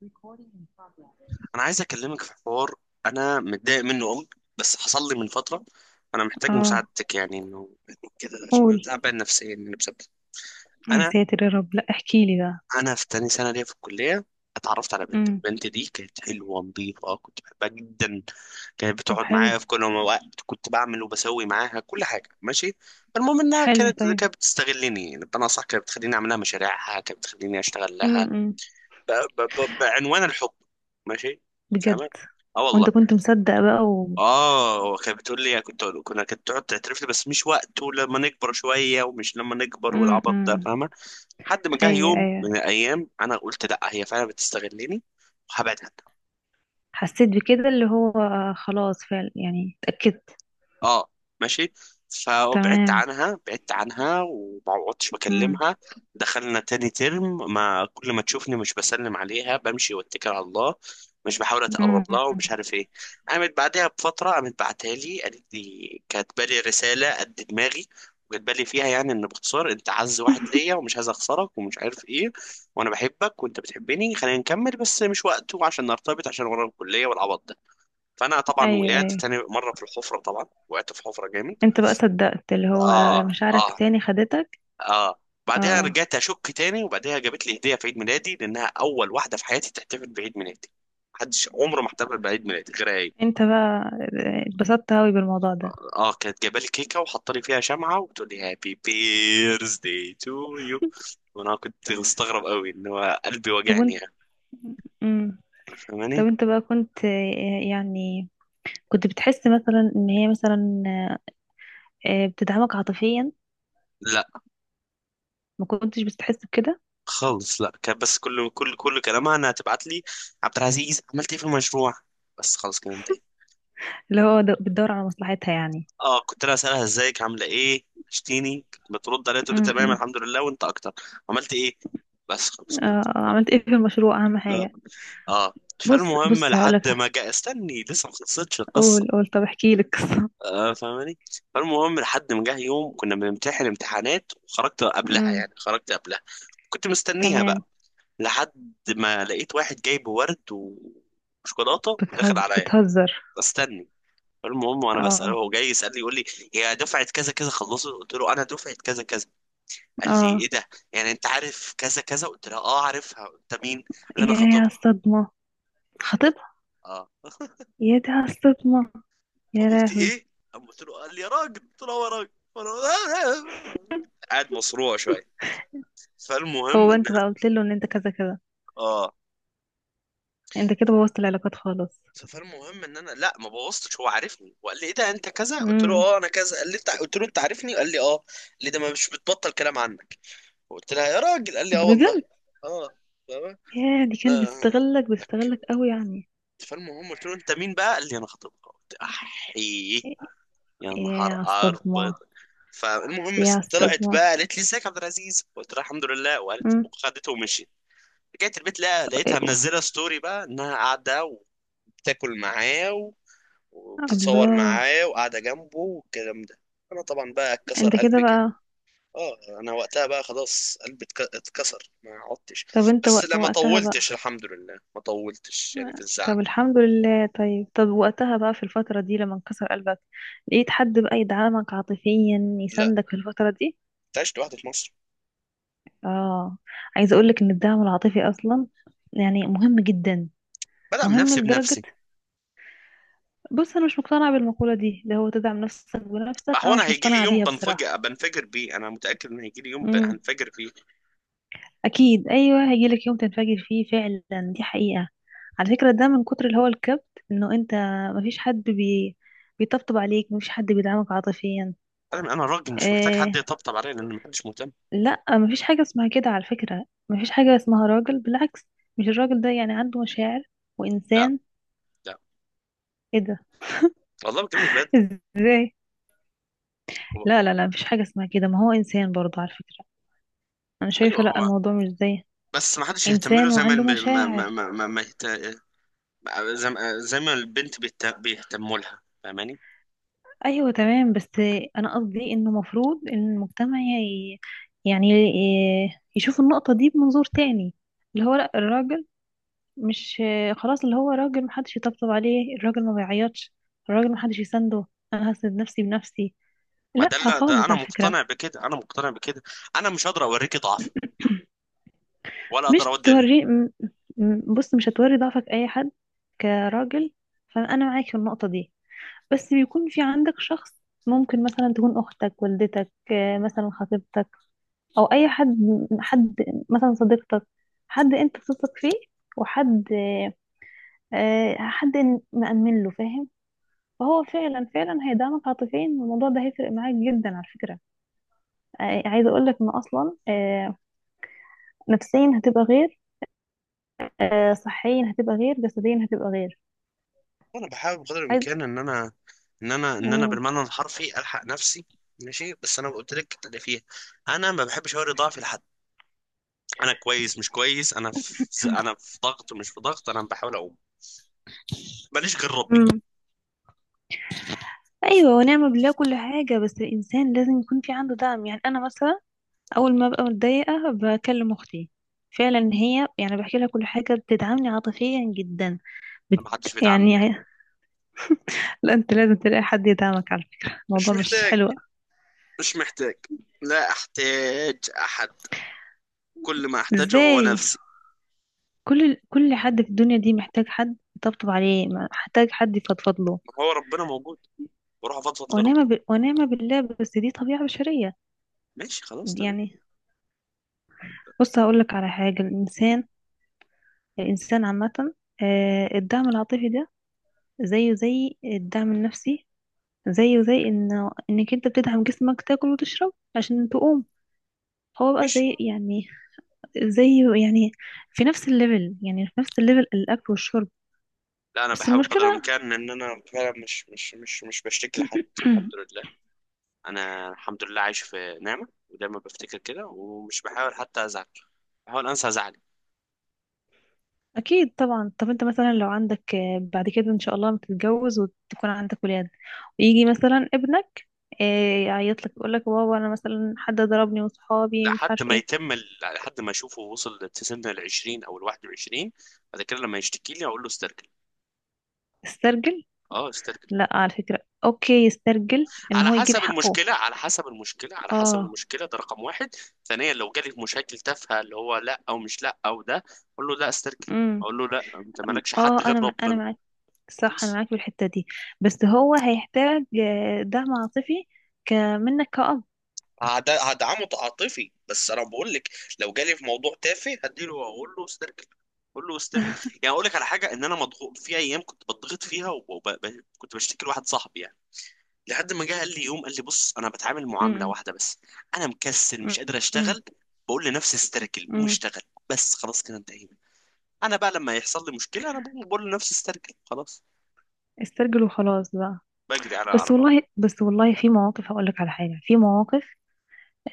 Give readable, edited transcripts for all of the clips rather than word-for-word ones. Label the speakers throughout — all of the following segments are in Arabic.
Speaker 1: Recording in progress.
Speaker 2: انا عايز اكلمك في حوار. انا متضايق منه قوي بس حصل لي من فتره. انا محتاج
Speaker 1: اه.
Speaker 2: مساعدتك، يعني انه كده عشان انا
Speaker 1: قول.
Speaker 2: تعبان نفسيا يعني بسبب.
Speaker 1: يا
Speaker 2: انا
Speaker 1: ساتر يا رب، لا احكي لي بقى.
Speaker 2: انا في تاني سنه ليا في الكليه، اتعرفت على بنت.
Speaker 1: امم.
Speaker 2: البنت دي كانت حلوه نظيفه كنت بحبها جدا، كانت
Speaker 1: طب،
Speaker 2: بتقعد
Speaker 1: حلو.
Speaker 2: معايا في كل وقت، كنت بعمل وبسوي معاها كل حاجه، ماشي. المهم انها
Speaker 1: حلو،
Speaker 2: كانت
Speaker 1: طيب.
Speaker 2: كانت بتستغلني، يعني بمعنى اصح كانت بتخليني اعمل لها مشاريعها، كانت بتخليني اشتغل لها
Speaker 1: امم.
Speaker 2: ب... بعنوان الحب، ماشي،
Speaker 1: بجد؟
Speaker 2: فاهمه؟ اه والله.
Speaker 1: وانت كنت مصدق بقى و.
Speaker 2: اه، هو كانت بتقول لي يعني، كنت كنا كانت تقعد تعترف لي، بس مش وقته، لما نكبر شويه، ومش لما نكبر والعبط ده،
Speaker 1: امم.
Speaker 2: فاهمه؟ لحد ما جه
Speaker 1: ايوه،
Speaker 2: يوم
Speaker 1: ايوه.
Speaker 2: من الايام انا قلت لا، هي فعلا بتستغلني وهبعد عنها.
Speaker 1: حسيت بكده، اللي هو خلاص، فعلا يعني اتأكدت.
Speaker 2: اه، ماشي. فبعدت
Speaker 1: تمام.
Speaker 2: عنها، بعدت عنها وما عدتش
Speaker 1: امم.
Speaker 2: بكلمها. دخلنا تاني ترم، ما كل ما تشوفني مش بسلم عليها، بمشي واتكل على الله، مش بحاول اتقرب لها
Speaker 1: امم.
Speaker 2: ومش عارف ايه. قامت بعدها بفتره، قامت بعتها لي، قالت لي كاتبه لي رساله قد دماغي، وكاتبه لي فيها يعني ان، باختصار، انت اعز واحد ليا ومش عايز اخسرك ومش عارف ايه، وانا بحبك وانت بتحبني، خلينا نكمل، بس مش وقته عشان نرتبط، عشان ورا الكليه والعبط ده. فانا طبعا
Speaker 1: ايوه،
Speaker 2: وقعت
Speaker 1: ايوه.
Speaker 2: تاني مره في الحفره، طبعا وقعت في حفره جامد.
Speaker 1: انت بقى صدقت، اللي هو
Speaker 2: اه، اه،
Speaker 1: مشاعرك تاني خدتك.
Speaker 2: اه. بعدها
Speaker 1: اه.
Speaker 2: رجعت اشك تاني، وبعدها جابت لي هديه في عيد ميلادي، لانها اول واحده في حياتي تحتفل بعيد ميلادي، محدش عمره ما احتفل بعيد ميلادي غير هي.
Speaker 1: انت بقى اتبسطت اوي بالموضوع ده.
Speaker 2: اه، كانت جايبه لي كيكه وحاطه لي فيها شمعه، وبتقول لي هابي بيرثدي تو يو، وانا كنت مستغرب قوي ان هو قلبي
Speaker 1: طب
Speaker 2: وجعني
Speaker 1: وانت.
Speaker 2: يعني،
Speaker 1: امم. طب
Speaker 2: فاهماني؟
Speaker 1: انت بقى كنت يعني. كنت بتحس مثلا ان هي مثلا بتدعمك عاطفيا.
Speaker 2: لا
Speaker 1: ما كنتش بتحس بكده؟
Speaker 2: خالص، لا كان بس كل كلامها انها تبعت لي، عبد العزيز عملت ايه في المشروع؟ بس خلاص كده انتهينا.
Speaker 1: اللي هو بتدور على مصلحتها يعني.
Speaker 2: اه، كنت انا اسالها ازيك، عامله ايه، وحشتيني، كنت بترد عليها تقول لي
Speaker 1: م-
Speaker 2: تمام
Speaker 1: م.
Speaker 2: الحمد لله وانت اكتر، عملت ايه؟ بس خلاص كده.
Speaker 1: عملت ايه في المشروع، اهم
Speaker 2: اه،
Speaker 1: حاجة.
Speaker 2: اه.
Speaker 1: بص
Speaker 2: فالمهم
Speaker 1: بص هقولك.
Speaker 2: لحد ما جاء، استني لسه ما خلصتش القصه.
Speaker 1: قول، قول، طب احكي لك قصة.
Speaker 2: فاهماني؟ فالمهم لحد ما جه يوم كنا بنمتحن امتحانات، وخرجت قبلها،
Speaker 1: م،
Speaker 2: يعني خرجت قبلها، كنت مستنيها بقى،
Speaker 1: تمام.
Speaker 2: لحد ما لقيت واحد جايب ورد وشوكولاته داخل
Speaker 1: بتهزر،
Speaker 2: عليا.
Speaker 1: بتهزر.
Speaker 2: استني. فالمهم وانا بساله،
Speaker 1: اه،
Speaker 2: هو جاي يسالني، يقول لي هي دفعه كذا كذا خلصت، قلت له انا دفعه كذا كذا، قال لي
Speaker 1: اه.
Speaker 2: ايه ده، يعني انت عارف كذا كذا؟ قلت له اه عارفها، انت مين؟ قال لي انا
Speaker 1: يا
Speaker 2: خطيبها.
Speaker 1: الصدمة. خطيبها؟
Speaker 2: اه.
Speaker 1: يا ده، على الصدمة. يا
Speaker 2: فقلت
Speaker 1: لهوي.
Speaker 2: ايه، قام قلت له، قال لي يا راجل، قلت له يا راجل. فأنا- قاعد مصروع شويه.
Speaker 1: هو
Speaker 2: فالمهم
Speaker 1: بقى،
Speaker 2: ان،
Speaker 1: انت بقى قلت له ان انت كذا كذا.
Speaker 2: اه،
Speaker 1: انت كده بوظت العلاقات خالص.
Speaker 2: فالمهم ان انا، لا ما بوظتش، هو عارفني، وقال لي ايه ده انت كذا، قلت له
Speaker 1: امم.
Speaker 2: اه انا كذا، قال لي انت، قلت له انت عارفني، قال لي اه، قال لي ده ما مش بتبطل كلام عنك. قلت لها يا راجل، قال لي اه والله.
Speaker 1: بجد؟
Speaker 2: اه. فاهمة؟
Speaker 1: يا دي، كانت
Speaker 2: اه.
Speaker 1: بتستغلك
Speaker 2: أك-
Speaker 1: بتستغلك قوي يعني.
Speaker 2: فالمهم قلت له انت مين بقى؟ قال لي انا خطيبها، قلت احي، يا
Speaker 1: ايه
Speaker 2: نهار
Speaker 1: يا
Speaker 2: أبيض.
Speaker 1: الصدمة.
Speaker 2: فالمهم
Speaker 1: يا
Speaker 2: طلعت بقى،
Speaker 1: الصدمة.
Speaker 2: قالت لي ازيك يا عبد العزيز، قلت لها الحمد لله، وقالت
Speaker 1: مم.
Speaker 2: وخدته ومشيت. رجعت البيت، لا لقيتها منزله ستوري بقى انها قاعده وبتاكل معاه وبتتصور
Speaker 1: الله.
Speaker 2: معاه وقاعده جنبه والكلام ده. انا طبعا بقى اتكسر
Speaker 1: انت كده
Speaker 2: قلبي كده.
Speaker 1: بقى.
Speaker 2: اه، انا وقتها بقى خلاص قلبي اتكسر، ما عدتش.
Speaker 1: طب انت
Speaker 2: بس لا ما
Speaker 1: وقتها بقى.
Speaker 2: طولتش، الحمد لله، ما طولتش يعني في الزعل.
Speaker 1: طب، الحمد لله، طيب طب وقتها بقى في الفترة دي لما انكسر قلبك. لقيت حد بقى يدعمك عاطفيا،
Speaker 2: لا.
Speaker 1: يساندك في الفترة دي؟
Speaker 2: انت عشت لوحدك في مصر.
Speaker 1: اه. عايزة اقولك ان الدعم العاطفي اصلا، يعني مهم جدا.
Speaker 2: بدعم
Speaker 1: مهم
Speaker 2: نفسي
Speaker 1: لدرجة،
Speaker 2: بنفسي.
Speaker 1: بص انا مش مقتنعة بالمقولة دي اللي هو تدعم نفسك بنفسك،
Speaker 2: هو
Speaker 1: انا
Speaker 2: انا
Speaker 1: مش
Speaker 2: هيجي لي
Speaker 1: مقتنعة
Speaker 2: يوم
Speaker 1: بيها بصراحة.
Speaker 2: بنفجر، بيه، انا متاكد ان هيجي لي يوم هنفجر فيه.
Speaker 1: اكيد، ايوه، هيجيلك يوم تنفجر فيه فعلا، دي حقيقة. على فكرة ده من كتر اللي هو الكبت، انه انت مفيش حد بيطبطب عليك، مفيش حد بيدعمك عاطفيا.
Speaker 2: انا راجل، مش محتاج حد
Speaker 1: إيه...
Speaker 2: يطبطب عليا، لان محدش مهتم.
Speaker 1: لا، مفيش حاجة اسمها كده على فكرة، مفيش حاجة اسمها راجل، بالعكس. مش الراجل ده يعني عنده مشاعر؟
Speaker 2: لا،
Speaker 1: وانسان.
Speaker 2: لا،
Speaker 1: ايه ده؟
Speaker 2: والله بكلمك بجد.
Speaker 1: ازاي؟
Speaker 2: هو...
Speaker 1: لا، لا، لا، مفيش حاجة اسمها كده، ما هو انسان برضه على فكرة. انا
Speaker 2: ايوه
Speaker 1: شايفة لا،
Speaker 2: هو،
Speaker 1: الموضوع مش زي.
Speaker 2: بس ما حدش يهتم له،
Speaker 1: انسان
Speaker 2: زي ما
Speaker 1: وعنده مشاعر.
Speaker 2: زي ما البنت بيهتموا لها، فاهماني؟
Speaker 1: ايوه، تمام، بس انا قصدي انه المفروض ان المجتمع يعني يشوف النقطة دي بمنظور تاني. اللي هو لا، الراجل مش، خلاص اللي هو راجل محدش يطبطب عليه، الراجل ما بيعيطش. الراجل محدش يسنده. انا هسند نفسي بنفسي.
Speaker 2: ما
Speaker 1: لا
Speaker 2: ده ده
Speaker 1: خالص
Speaker 2: انا
Speaker 1: على فكرة.
Speaker 2: مقتنع بكده، انا مقتنع بكده. انا مش هقدر اوريكي ضعف ولا اقدر
Speaker 1: مش
Speaker 2: اودي.
Speaker 1: توري بص، مش هتوري ضعفك اي حد. كراجل. فانا معاك في النقطة دي. بس بيكون في عندك شخص، ممكن مثلا تكون اختك، والدتك، مثلا خطيبتك. او اي حد. حد. مثلا صديقتك. حد انت بتثق فيه. وحد، حد مأمن له، فاهم؟ فهو فعلا فعلا هيدعمك عاطفيا، والموضوع ده هيفرق معاك جدا على فكرة. عايزة اقول لك ان اصلا، نفسيا هتبقى غير، صحيا هتبقى غير، جسديا هتبقى غير.
Speaker 2: انا بحاول بقدر
Speaker 1: عايز.
Speaker 2: الامكان ان انا، ان انا
Speaker 1: مم.
Speaker 2: بالمعنى الحرفي الحق نفسي. ماشي، بس انا قلت لك اللي فيها، انا ما بحبش اوري ضعفي لحد. انا كويس مش كويس، انا في، انا في ضغط مش في ضغط، انا بحاول اقوم، ماليش غير ربي.
Speaker 1: امم. ايوه، ونعم بالله كل حاجة، بس الانسان لازم يكون في عنده دعم، يعني انا مثلا اول ما ببقى متضايقه بكلم اختي، فعلا هي يعني بحكي لها كل حاجه بتدعمني عاطفيا جدا. بت...
Speaker 2: انا ما حدش بيدعمني بقى.
Speaker 1: يعني. لا، انت لازم تلاقي حد يدعمك على فكره،
Speaker 2: مش
Speaker 1: الموضوع مش
Speaker 2: محتاج،
Speaker 1: حلو.
Speaker 2: مش محتاج، لا احتاج احد، كل ما احتاجه هو
Speaker 1: ازاي؟
Speaker 2: نفسي.
Speaker 1: كل حد في الدنيا دي محتاج حد يطبطب عليه، محتاج حد يفضفض له.
Speaker 2: ما هو ربنا موجود، واروح افضفض لربي.
Speaker 1: ونعمه بالله، بس دي طبيعه بشريه
Speaker 2: ماشي، خلاص، تمام.
Speaker 1: يعني. بص هقول لك على حاجه، الانسان، الانسان عامه، الدعم العاطفي ده زيه زي الدعم النفسي، زيه زي انك انت بتدعم جسمك، تاكل وتشرب عشان تقوم. هو بقى
Speaker 2: ماشي.
Speaker 1: زي يعني، زي يعني في نفس الليفل، يعني في نفس الليفل الاكل والشرب.
Speaker 2: لا، انا
Speaker 1: بس
Speaker 2: بحاول قدر
Speaker 1: المشكله،
Speaker 2: الامكان ان انا فعلا مش بشتكي لحد الحمد لله. انا الحمد لله عايش في نعمه، ودايما بفتكر كده، ومش بحاول حتى ازعل، بحاول انسى زعلي.
Speaker 1: اكيد طبعا. طب انت مثلا لو عندك، بعد كده ان شاء الله لما تتجوز وتكون عندك ولاد، ويجي مثلا ابنك آه، يعيط لك، يقول لك بابا انا مثلا حد ضربني وصحابي مش
Speaker 2: لحد
Speaker 1: عارف
Speaker 2: ما
Speaker 1: ايه.
Speaker 2: يتم لحد ما اشوفه وصل لسن ال 20 او ال 21، بعد كده لما يشتكي لي اقول له استرجل.
Speaker 1: استرجل.
Speaker 2: اه، استرجل.
Speaker 1: لا على فكره، اوكي يسترجل، ان
Speaker 2: على
Speaker 1: هو يجيب
Speaker 2: حسب
Speaker 1: حقه.
Speaker 2: المشكله، على حسب المشكله، على حسب
Speaker 1: اه.
Speaker 2: المشكله، ده رقم واحد. ثانيا، لو جالي مشاكل تافهه اللي هو لا او مش لا او ده، اقول له لا استرجل،
Speaker 1: امم.
Speaker 2: اقول له لا انت مالكش حد
Speaker 1: اه، انا
Speaker 2: غير ربنا.
Speaker 1: معاك. صح، انا معاك في الحته دي. بس هو هيحتاج دعم عاطفي منك كأب.
Speaker 2: هدعمه عاطفي بس انا بقول لك، لو جالي في موضوع تافه، هديله واقول له استركل. اقول له استركل، يعني اقول لك على حاجه، ان انا مضغوط في ايام كنت بضغط فيها، وكنت بشتكي لواحد صاحبي يعني، لحد ما جه قال لي يوم، قال لي بص انا بتعامل معامله
Speaker 1: امم،
Speaker 2: واحده بس، انا مكسل مش قادر
Speaker 1: امم،
Speaker 2: اشتغل، بقول لنفسي استركل، مش
Speaker 1: امم.
Speaker 2: اشتغل. بس خلاص كده انتهينا. انا بقى لما يحصل لي مشكله، انا بقول لنفسي استركل، خلاص،
Speaker 1: استرجل وخلاص بقى.
Speaker 2: بجري على
Speaker 1: بس
Speaker 2: على بابا.
Speaker 1: والله، بس والله في مواقف هقول لك على حاجه، في مواقف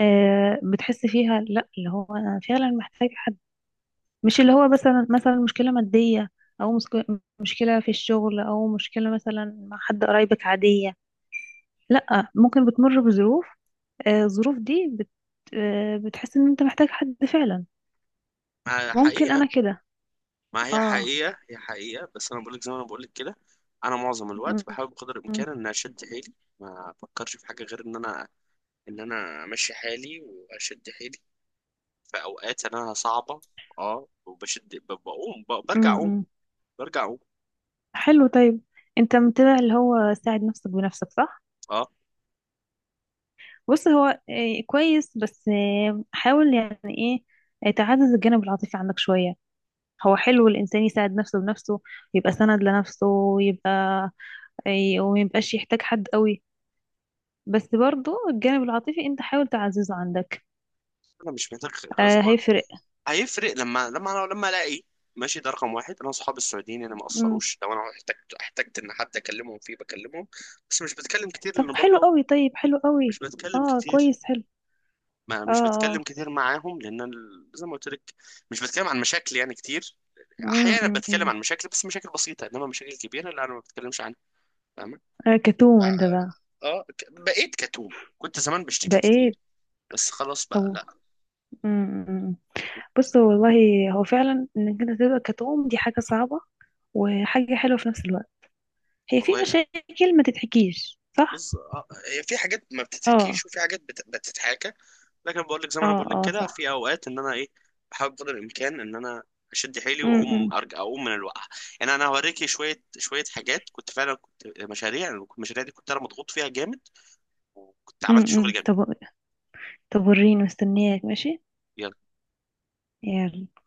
Speaker 1: بتحس فيها لا، اللي هو انا فعلا محتاج حد. مش اللي هو مثلا مشكله ماديه او مشكله في الشغل، او مشكله مثلا مع حد قرايبك عاديه. لا، ممكن بتمر بظروف، الظروف دي بتحس ان انت محتاج حد فعلا.
Speaker 2: ما
Speaker 1: ممكن
Speaker 2: حقيقه،
Speaker 1: انا كده.
Speaker 2: ما هي
Speaker 1: اه.
Speaker 2: حقيقة، هي حقيقة، بس أنا بقولك زي ما أنا بقولك كده. أنا معظم
Speaker 1: مم.
Speaker 2: الوقت بحاول بقدر
Speaker 1: مم.
Speaker 2: الإمكان إن أشد حيلي، ما أفكرش في حاجة غير إن أنا أمشي حالي وأشد حيلي في أوقات أنا صعبة. أه، وبشد بقوم، برجع أقوم،
Speaker 1: مم.
Speaker 2: برجع أقوم.
Speaker 1: حلو، طيب. انت متابع اللي هو ساعد نفسك بنفسك، صح؟
Speaker 2: أه.
Speaker 1: بص هو كويس، بس حاول يعني ايه، تعزز الجانب العاطفي عندك شوية. هو حلو الانسان يساعد نفسه بنفسه، يبقى سند لنفسه، ويبقى وميبقاش يحتاج حد قوي. بس برضو الجانب العاطفي انت حاول تعززه عندك،
Speaker 2: أنا مش محتاج، غصب عني.
Speaker 1: هيفرق.
Speaker 2: هيفرق لما، لما ألاقي. ماشي، ده رقم واحد، أنا صحابي السعوديين أنا ما
Speaker 1: مم.
Speaker 2: قصروش، لو أنا احتجت، إن حد أكلمهم فيه بكلمهم. بس مش بتكلم كتير، لأن
Speaker 1: طب حلو
Speaker 2: برضه
Speaker 1: قوي، طيب حلو قوي.
Speaker 2: مش بتكلم
Speaker 1: اه،
Speaker 2: كتير.
Speaker 1: كويس، حلو.
Speaker 2: ما
Speaker 1: اه،
Speaker 2: مش بتكلم
Speaker 1: اه.
Speaker 2: كتير معاهم، لان زي ما قلت لك، مش بتكلم عن مشاكل يعني كتير.
Speaker 1: مم،
Speaker 2: احيانا
Speaker 1: مم،
Speaker 2: بتكلم
Speaker 1: مم.
Speaker 2: عن مشاكل، بس مشاكل بسيطه، انما مشاكل كبيره لا، انا ما بتكلمش عنها، فاهمه؟
Speaker 1: كتوم انت بقى.
Speaker 2: اه، بقيت كتوم، كنت زمان
Speaker 1: ده
Speaker 2: بشتكي
Speaker 1: ايه؟
Speaker 2: كتير، بس خلاص بقى
Speaker 1: طب.
Speaker 2: لا.
Speaker 1: امم. بص والله، هو فعلا انك انت تبقى كتوم دي حاجة صعبة، وحاجة حلوة في نفس الوقت. هي في
Speaker 2: والله يعني.
Speaker 1: مشاكل ما تتحكيش، صح؟
Speaker 2: بص، هي في حاجات ما
Speaker 1: اه.
Speaker 2: بتتحكيش، وفي حاجات بتتحكى، لكن بقول لك زي ما انا
Speaker 1: اه،
Speaker 2: بقول لك
Speaker 1: اه،
Speaker 2: كده،
Speaker 1: صح.
Speaker 2: في اوقات ان انا ايه، بحاول قدر الامكان ان انا اشد حيلي واقوم،
Speaker 1: امم،
Speaker 2: ارجع اقوم من الوقعه. يعني انا هوريكي شويه شويه حاجات كنت فعلا كنت، مشاريع. المشاريع دي كنت انا مضغوط فيها جامد، وكنت
Speaker 1: امم،
Speaker 2: عملت
Speaker 1: امم.
Speaker 2: شغل جميل.
Speaker 1: طب، طب وريني، مستنياك. ماشي.
Speaker 2: يلا.
Speaker 1: يلا.